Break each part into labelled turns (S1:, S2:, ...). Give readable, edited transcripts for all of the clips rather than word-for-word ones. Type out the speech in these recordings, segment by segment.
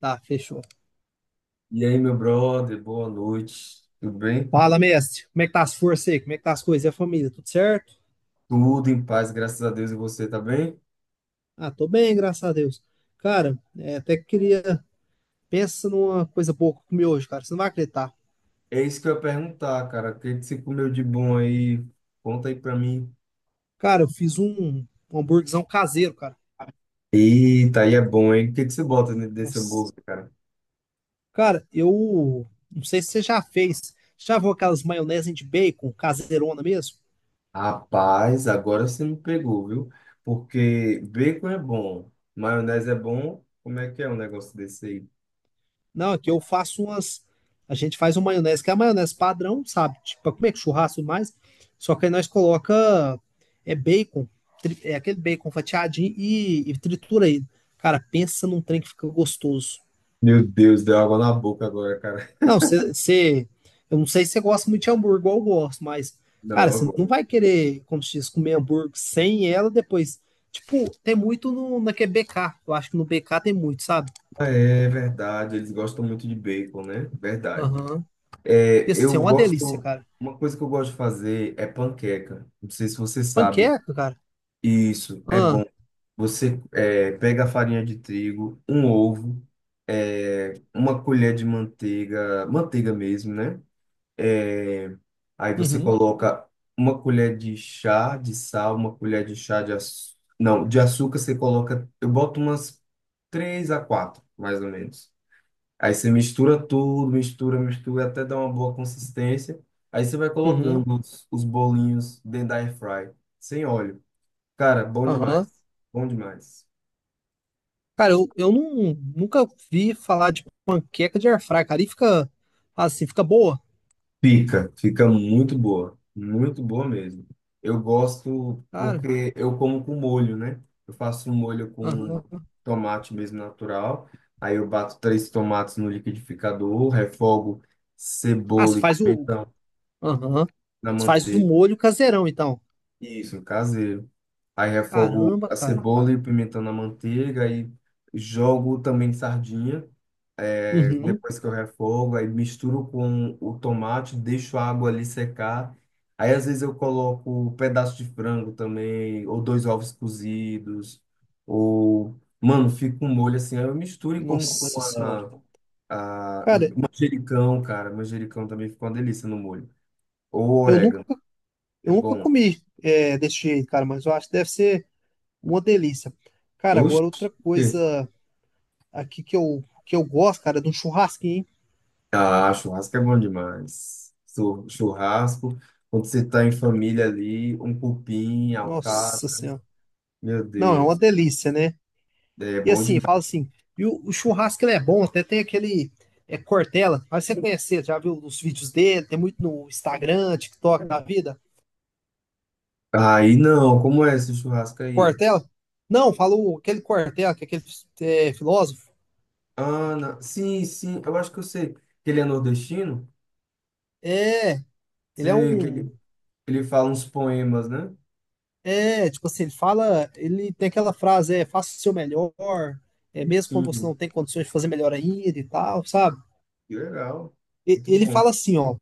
S1: Tá, fechou.
S2: E aí, meu brother, boa noite. Tudo bem?
S1: Fala, mestre. Como é que tá as forças aí? Como é que tá as coisas e a família? Tudo certo?
S2: Tudo em paz, graças a Deus. E você tá bem?
S1: Ah, tô bem, graças a Deus. Cara, é, até que queria. Pensa numa coisa boa que eu comi hoje, cara. Você não vai acreditar.
S2: É isso que eu ia perguntar, cara. O que que você comeu de bom aí? Conta aí pra mim.
S1: Cara, eu fiz um hambúrguerzão caseiro, cara.
S2: Eita, aí é bom, hein? O que que você bota dentro dessa
S1: Nossa.
S2: bolsa, cara?
S1: Cara, eu não sei se você já fez. Já viu aquelas maionese de bacon caseirona mesmo?
S2: Rapaz, agora você me pegou, viu? Porque bacon é bom, maionese é bom. Como é que é um negócio desse aí?
S1: Não, aqui eu faço umas. A gente faz uma maionese, que é a maionese padrão, sabe? Tipo, como é que churrasco e mais? Só que aí nós coloca é bacon, é aquele bacon fatiadinho e tritura ele. Cara, pensa num trem que fica gostoso.
S2: Meu Deus, deu água na boca agora, cara.
S1: Não, você. Eu não sei se você gosta muito de hambúrguer, igual eu gosto, mas,
S2: Não,
S1: cara,
S2: é
S1: você não
S2: bom.
S1: vai querer, como se diz, comer hambúrguer sem ela depois. Tipo, tem muito no, na que é BK. Eu acho que no BK tem muito, sabe?
S2: Ah, é verdade, eles gostam muito de bacon, né? Verdade.
S1: Aham.
S2: É,
S1: Ia ser
S2: eu
S1: uma delícia,
S2: gosto.
S1: cara.
S2: Uma coisa que eu gosto de fazer é panqueca. Não sei se você sabe.
S1: Panqueca, cara.
S2: Isso.
S1: Ah,
S2: Pega a farinha de trigo, um ovo, uma colher de manteiga, manteiga mesmo, né? É, aí você
S1: uhum,
S2: coloca uma colher de chá de sal, uma colher de chá de açúcar. Não, de açúcar você coloca. Eu boto umas três a quatro, mais ou menos. Aí você mistura tudo, mistura, mistura, até dar uma boa consistência. Aí você vai
S1: uhum,
S2: colocando os bolinhos dentro da air fry, sem óleo. Cara, bom
S1: aham.
S2: demais. Bom demais.
S1: Cara, eu não, nunca vi falar de panqueca de airfry, cara. E fica assim, fica boa,
S2: Fica, fica muito boa. Muito boa mesmo. Eu gosto
S1: cara.
S2: porque eu como com molho, né? Eu faço um molho com
S1: Aham.
S2: tomate mesmo natural. Aí eu bato três tomates no liquidificador, refogo
S1: Ah, você
S2: cebola e
S1: faz o.
S2: pimentão
S1: Aham.
S2: na
S1: Você faz o
S2: manteiga.
S1: molho caseirão, então.
S2: Isso, caseiro. Aí refogo
S1: Caramba,
S2: a
S1: cara.
S2: cebola e o pimentão na manteiga, aí jogo também sardinha. É,
S1: Uhum.
S2: depois que eu refogo, aí misturo com o tomate, deixo a água ali secar. Aí às vezes eu coloco um pedaço de frango também, ou dois ovos cozidos, ou, mano, fica um molho assim. Aí eu misturo e como com
S1: Nossa senhora.
S2: a
S1: Cara,
S2: manjericão, cara. Manjericão também fica uma delícia no molho. Ou
S1: eu nunca,
S2: orégano, é
S1: eu nunca
S2: bom.
S1: comi desse jeito, cara, mas eu acho que deve ser uma delícia. Cara,
S2: Oxi.
S1: agora outra coisa aqui que eu, gosto, cara, é de um churrasquinho, hein?
S2: Ah, churrasco é bom demais. Churrasco, quando você tá em família ali, um cupim,
S1: Nossa
S2: alcatra.
S1: senhora.
S2: Meu
S1: Não, é
S2: Deus,
S1: uma delícia, né?
S2: é
S1: E
S2: bom
S1: assim, fala
S2: demais.
S1: assim, e o churrasco ele é bom, até tem aquele Cortella, mas você conhecer, já viu os vídeos dele, tem muito no Instagram, TikTok da vida.
S2: Aí não, como é esse churrasco aí?
S1: Cortella? Não, falou aquele Cortella, que é aquele filósofo.
S2: Ana, sim, sim, eu acho que eu sei. Que ele é nordestino?
S1: É, ele é
S2: Sei, que ele,
S1: um.
S2: ele fala uns poemas, né?
S1: É, tipo assim, ele fala, ele tem aquela frase, faça o seu melhor, é mesmo quando você não
S2: Sim,
S1: tem condições de fazer melhor ainda e tal, sabe?
S2: que legal, muito
S1: Ele
S2: bom.
S1: fala assim, ó,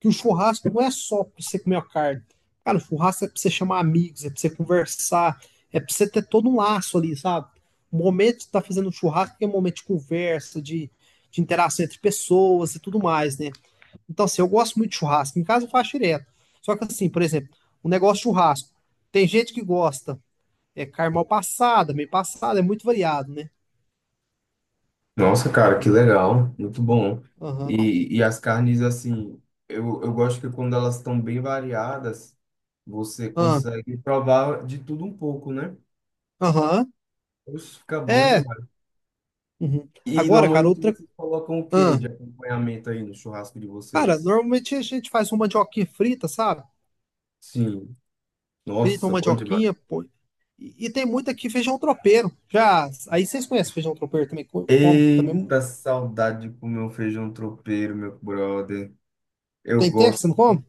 S1: que o churrasco não é só pra você comer a carne. Cara, o churrasco é pra você chamar amigos, é pra você conversar, é pra você ter todo um laço ali, sabe? O momento de estar fazendo um churrasco é um momento de conversa, de, interação entre pessoas e tudo mais, né? Então, assim, eu gosto muito de churrasco. Em casa eu faço direto. Só que, assim, por exemplo, o negócio de churrasco. Tem gente que gosta, é carne mal passada, meio passada, é muito variado, né?
S2: Nossa, cara, que legal, muito bom.
S1: Aham,
S2: E as carnes, assim, eu gosto que quando elas estão bem variadas, você
S1: aham,
S2: consegue provar de tudo um pouco, né?
S1: aham.
S2: Isso fica bom
S1: É.
S2: demais.
S1: Uhum.
S2: E
S1: Agora, cara,
S2: normalmente
S1: outra.
S2: vocês colocam o quê de
S1: Aham.
S2: acompanhamento aí no churrasco de
S1: Cara,
S2: vocês?
S1: normalmente a gente faz uma mandioquinha frita, sabe?
S2: Sim,
S1: Frita uma
S2: nossa, bom
S1: mandioquinha,
S2: demais.
S1: pô. E tem muito aqui feijão tropeiro. Já, aí vocês conhecem feijão tropeiro também? Como? Também
S2: Eita, saudade de comer um feijão tropeiro, meu brother. Eu
S1: tem tempo que
S2: gosto,
S1: você não come?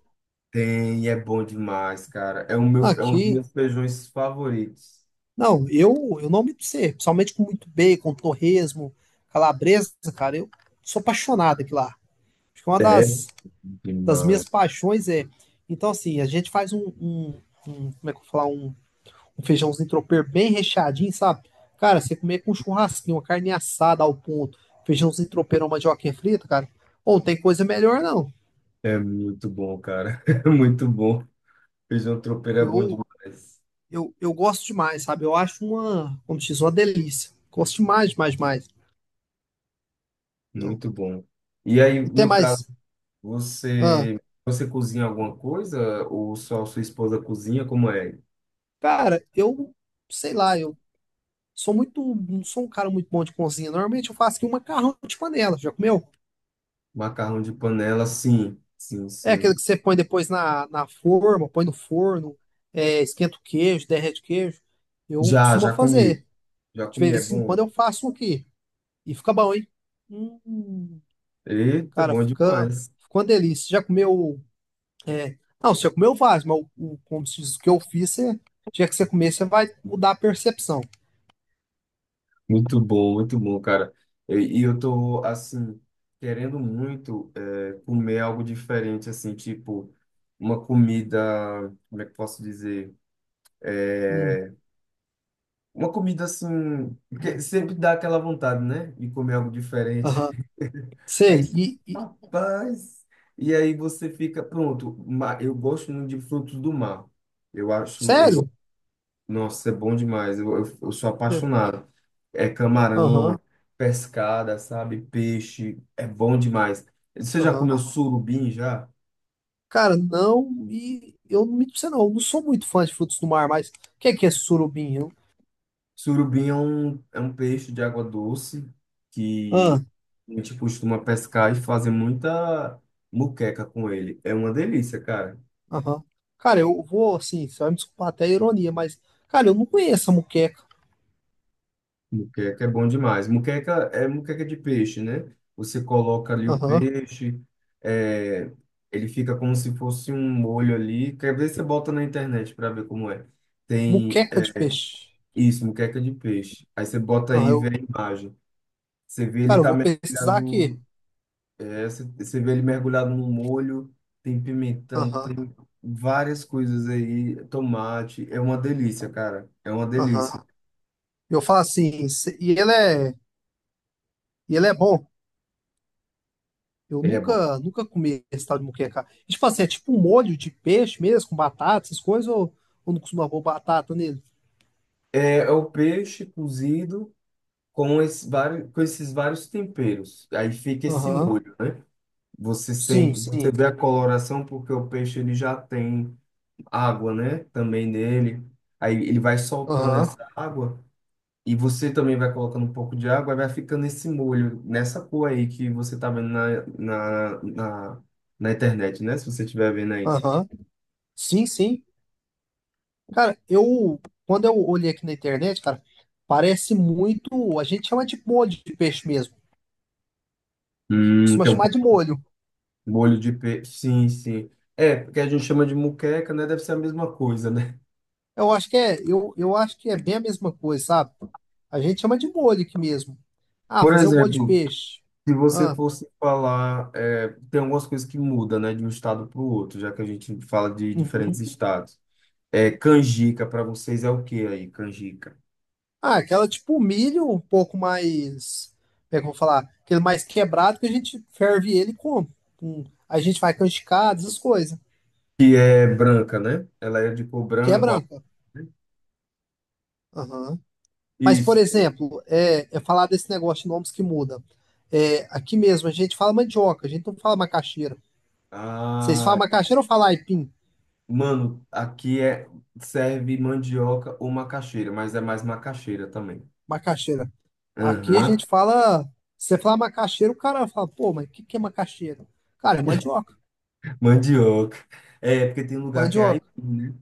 S2: tem, é bom demais, cara. É, o meu, é um dos
S1: Aqui.
S2: meus feijões favoritos.
S1: Não, eu não me sei, principalmente com muito bacon, torresmo, calabresa, cara, eu sou apaixonado aqui lá. Acho que é uma
S2: É
S1: das minhas
S2: demais.
S1: paixões é. Então, assim, a gente faz um, um, como é que eu vou falar? Um feijãozinho tropeiro bem recheadinho, sabe? Cara, você comer com um churrasquinho, uma carne assada ao ponto, feijãozinho tropeiro, uma mandioquinha frita, cara, ou não tem coisa melhor, não.
S2: É muito bom, cara. É muito bom. Feijão tropeiro é bom
S1: Eu,
S2: demais.
S1: eu gosto demais, sabe? Eu acho uma, como diz, uma delícia. Gosto demais, demais, demais. Eu,
S2: Muito bom. E aí,
S1: até
S2: no caso,
S1: mais. Ah,
S2: você você cozinha alguma coisa ou só sua esposa cozinha? Como é?
S1: cara, eu, sei lá, eu sou muito, não sou um cara muito bom de cozinha. Normalmente eu faço aqui um macarrão de panela. Já comeu?
S2: Macarrão de panela, sim. Sim,
S1: É
S2: sim.
S1: aquele que você põe depois na, forma, põe no forno, esquenta o queijo, derrete o queijo. Eu
S2: Já,
S1: costumo
S2: já comi.
S1: fazer.
S2: Já
S1: De
S2: comi, é
S1: vez em quando
S2: bom.
S1: eu faço um aqui. E fica bom, hein? Hum,
S2: Eita,
S1: cara,
S2: bom
S1: fica,
S2: demais.
S1: fica uma delícia. Já comeu. Não, você já comeu vários, mas como se diz, o que eu fiz, você, já que você comer, você vai mudar a percepção.
S2: Muito bom, cara. E eu tô, assim, querendo muito é, comer algo diferente, assim, tipo, uma comida, como é que eu posso dizer?
S1: Hum,
S2: Uma comida, assim, porque sempre dá aquela vontade, né? De comer algo diferente.
S1: aham.
S2: Aí,
S1: Sei. E,
S2: rapaz! E aí você fica, pronto, eu gosto muito de frutos do mar. Eu acho,
S1: sério?
S2: nossa, é bom demais. Eu sou apaixonado. É camarão,
S1: Aham,
S2: pescada, sabe? Peixe. É bom demais. Você já
S1: aham.
S2: comeu surubim já?
S1: Cara, não, e eu não me você não, eu não sou muito fã de frutos do mar, mas o que é surubim?
S2: Surubim é um peixe de água doce
S1: Ah,
S2: que a gente costuma pescar e fazer muita muqueca com ele. É uma delícia, cara.
S1: aham. Cara, eu vou assim, você vai me desculpar até a ironia, mas, cara, eu não conheço a muqueca.
S2: Muqueca é bom demais. Muqueca é muqueca de peixe, né? Você coloca ali o
S1: Aham.
S2: peixe, é, ele fica como se fosse um molho ali. Quer ver? Você bota na internet para ver como é. Tem
S1: Muqueca de peixe.
S2: isso, muqueca de peixe. Aí você bota aí
S1: Aham,
S2: e vê
S1: eu,
S2: a imagem. Você vê ele
S1: cara, eu
S2: tá
S1: vou pesquisar aqui.
S2: mergulhado, é, você vê ele mergulhado no molho, tem pimentão,
S1: Aham,
S2: tem várias coisas aí, tomate. É uma delícia, cara. É uma
S1: aham.
S2: delícia.
S1: Eu falo assim, e ele é, bom. Eu
S2: Ele é bom.
S1: nunca comi esse tal de muqueca. E, tipo assim, é tipo um molho de peixe mesmo, com batata, essas coisas, ou não costuma pôr batata nele?
S2: É o peixe cozido. Com, esse vários, com esses vários temperos. Aí fica esse
S1: Aham.
S2: molho, né? Você
S1: Sim,
S2: sente, você
S1: sim.
S2: vê a coloração porque o peixe ele já tem água, né? Também nele. Aí ele vai soltando
S1: Aham.
S2: essa água e você também vai colocando um pouco de água e vai ficando esse molho, nessa cor aí que você tá vendo na internet, né? Se você estiver vendo aí.
S1: Aham. Sim, sim. Cara, eu quando eu olhei aqui na internet, cara, parece muito, a gente chama de molho de peixe mesmo. Costuma
S2: Tem um
S1: chamar
S2: pouco
S1: de molho.
S2: de molho de peixe. Sim, sim. É, porque a gente chama de muqueca, né? Deve ser a mesma coisa, né?
S1: Eu acho que é, eu acho que é bem a mesma coisa, sabe? A gente chama de molho aqui mesmo. Ah,
S2: Por
S1: fazer um molho de
S2: exemplo,
S1: peixe.
S2: se você
S1: Ah,
S2: fosse falar, é, tem algumas coisas que mudam, né, de um estado para o outro, já que a gente fala de
S1: uhum.
S2: diferentes estados. É, canjica para vocês é o que aí, canjica?
S1: Ah, aquela tipo milho um pouco mais, como é que eu vou falar? Aquele mais quebrado que a gente ferve ele e come. Hum. A gente vai canjicadas, essas coisas.
S2: Que é branca, né? Ela é de cor
S1: Que é
S2: branca, ó.
S1: branca. Aham. Mas, por
S2: Isso.
S1: exemplo, eu falar desse negócio de nomes que muda. É, aqui mesmo a gente fala mandioca, a gente não fala macaxeira. Vocês
S2: Ah,
S1: falam macaxeira ou falam aipim?
S2: mano, aqui é serve mandioca ou macaxeira, mas é mais macaxeira também.
S1: Macaxeira. Aqui a
S2: Aham.
S1: gente fala. Você fala macaxeira, o cara fala, pô, mas o que, que é macaxeira? Cara, é mandioca.
S2: Mandioca. É, porque tem um lugar que é
S1: Mandioca.
S2: aipim, né?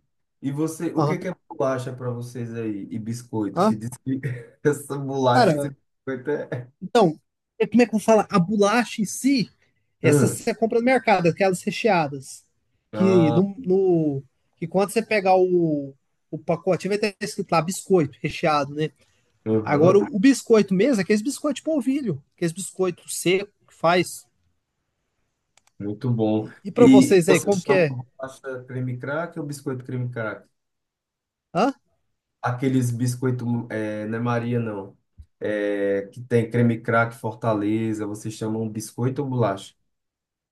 S2: E você, o
S1: Aham.
S2: que que é bolacha para vocês aí? E biscoito,
S1: Hã?
S2: que diz que essa bolacha, esse
S1: Cara,
S2: biscoito é...
S1: então, como é que eu falo? A bolacha em si, essa
S2: Hum.
S1: você compra no mercado, aquelas recheadas. Que,
S2: Ah,
S1: que quando você pegar o, pacotinho, vai ter escrito lá biscoito recheado, né? Agora,
S2: uhum.
S1: o biscoito mesmo, é aqueles biscoitos de polvilho, aqueles biscoitos seco que faz.
S2: Muito bom.
S1: E para
S2: E
S1: vocês aí,
S2: você
S1: como que
S2: chama
S1: é?
S2: bolacha creme crack ou biscoito creme crack?
S1: Hã?
S2: Aqueles biscoito, é, não é Maria, não. É, que tem creme crack, Fortaleza, vocês chamam biscoito ou bolacha?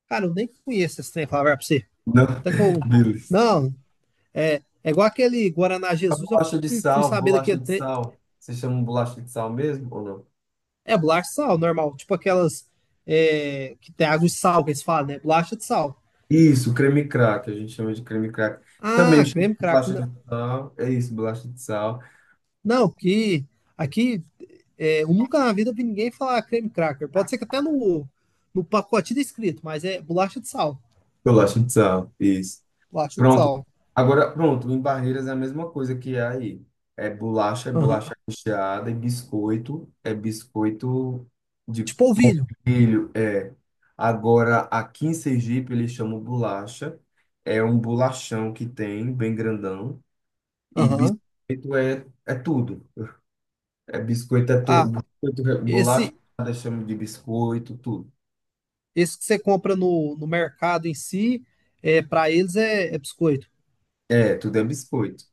S1: Cara, eu nem conheço esse trem, falar pra você.
S2: Não,
S1: Então,
S2: beleza.
S1: Não, é, é igual aquele Guaraná
S2: A
S1: Jesus, eu
S2: bolacha de
S1: fui
S2: sal,
S1: saber
S2: bolacha
S1: daquele
S2: de
S1: trem.
S2: sal. Vocês chamam bolacha de sal mesmo ou não?
S1: É bolacha de sal, normal. Tipo aquelas que tem água de sal, que eles falam, né? Bolacha de sal.
S2: Isso, creme crack, a gente chama de creme crack. Também
S1: Ah,
S2: chama de
S1: creme cracker.
S2: bolacha de
S1: Não,
S2: sal. É isso, bolacha de sal.
S1: não, que aqui eu nunca na vida vi ninguém falar creme cracker. Pode ser que até no, pacotinho tá escrito, mas é bolacha de sal.
S2: Bolacha de sal, isso.
S1: Plástico de
S2: Pronto.
S1: sal.
S2: Agora, pronto, em Barreiras é a mesma coisa que é aí. É
S1: Aham.
S2: bolacha recheada, e biscoito, é biscoito de
S1: Tipo polvilho.
S2: milho, é. Agora, aqui em Sergipe, eles chamam bolacha. É um bolachão que tem, bem grandão. E
S1: Aham.
S2: biscoito é, é tudo. É biscoito, é tudo.
S1: Ah,
S2: Biscoito, bolacha,
S1: esse,
S2: chama de biscoito, tudo.
S1: esse que você compra no, mercado em si, para eles é biscoito.
S2: É, tudo é biscoito.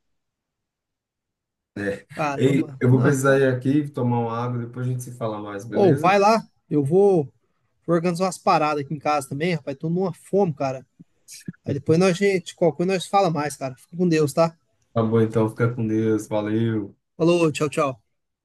S2: Ei,
S1: Caramba.
S2: eu vou
S1: Não.
S2: precisar ir aqui tomar uma água, depois a gente se fala mais,
S1: Ô,
S2: beleza?
S1: vai lá. Eu vou organizar umas paradas aqui em casa também, rapaz. Tô numa fome, cara. Aí depois nós, gente, qualquer coisa nós fala mais, cara. Fica com Deus, tá?
S2: Tá bom, então fica com Deus, valeu.
S1: Falou, tchau, tchau.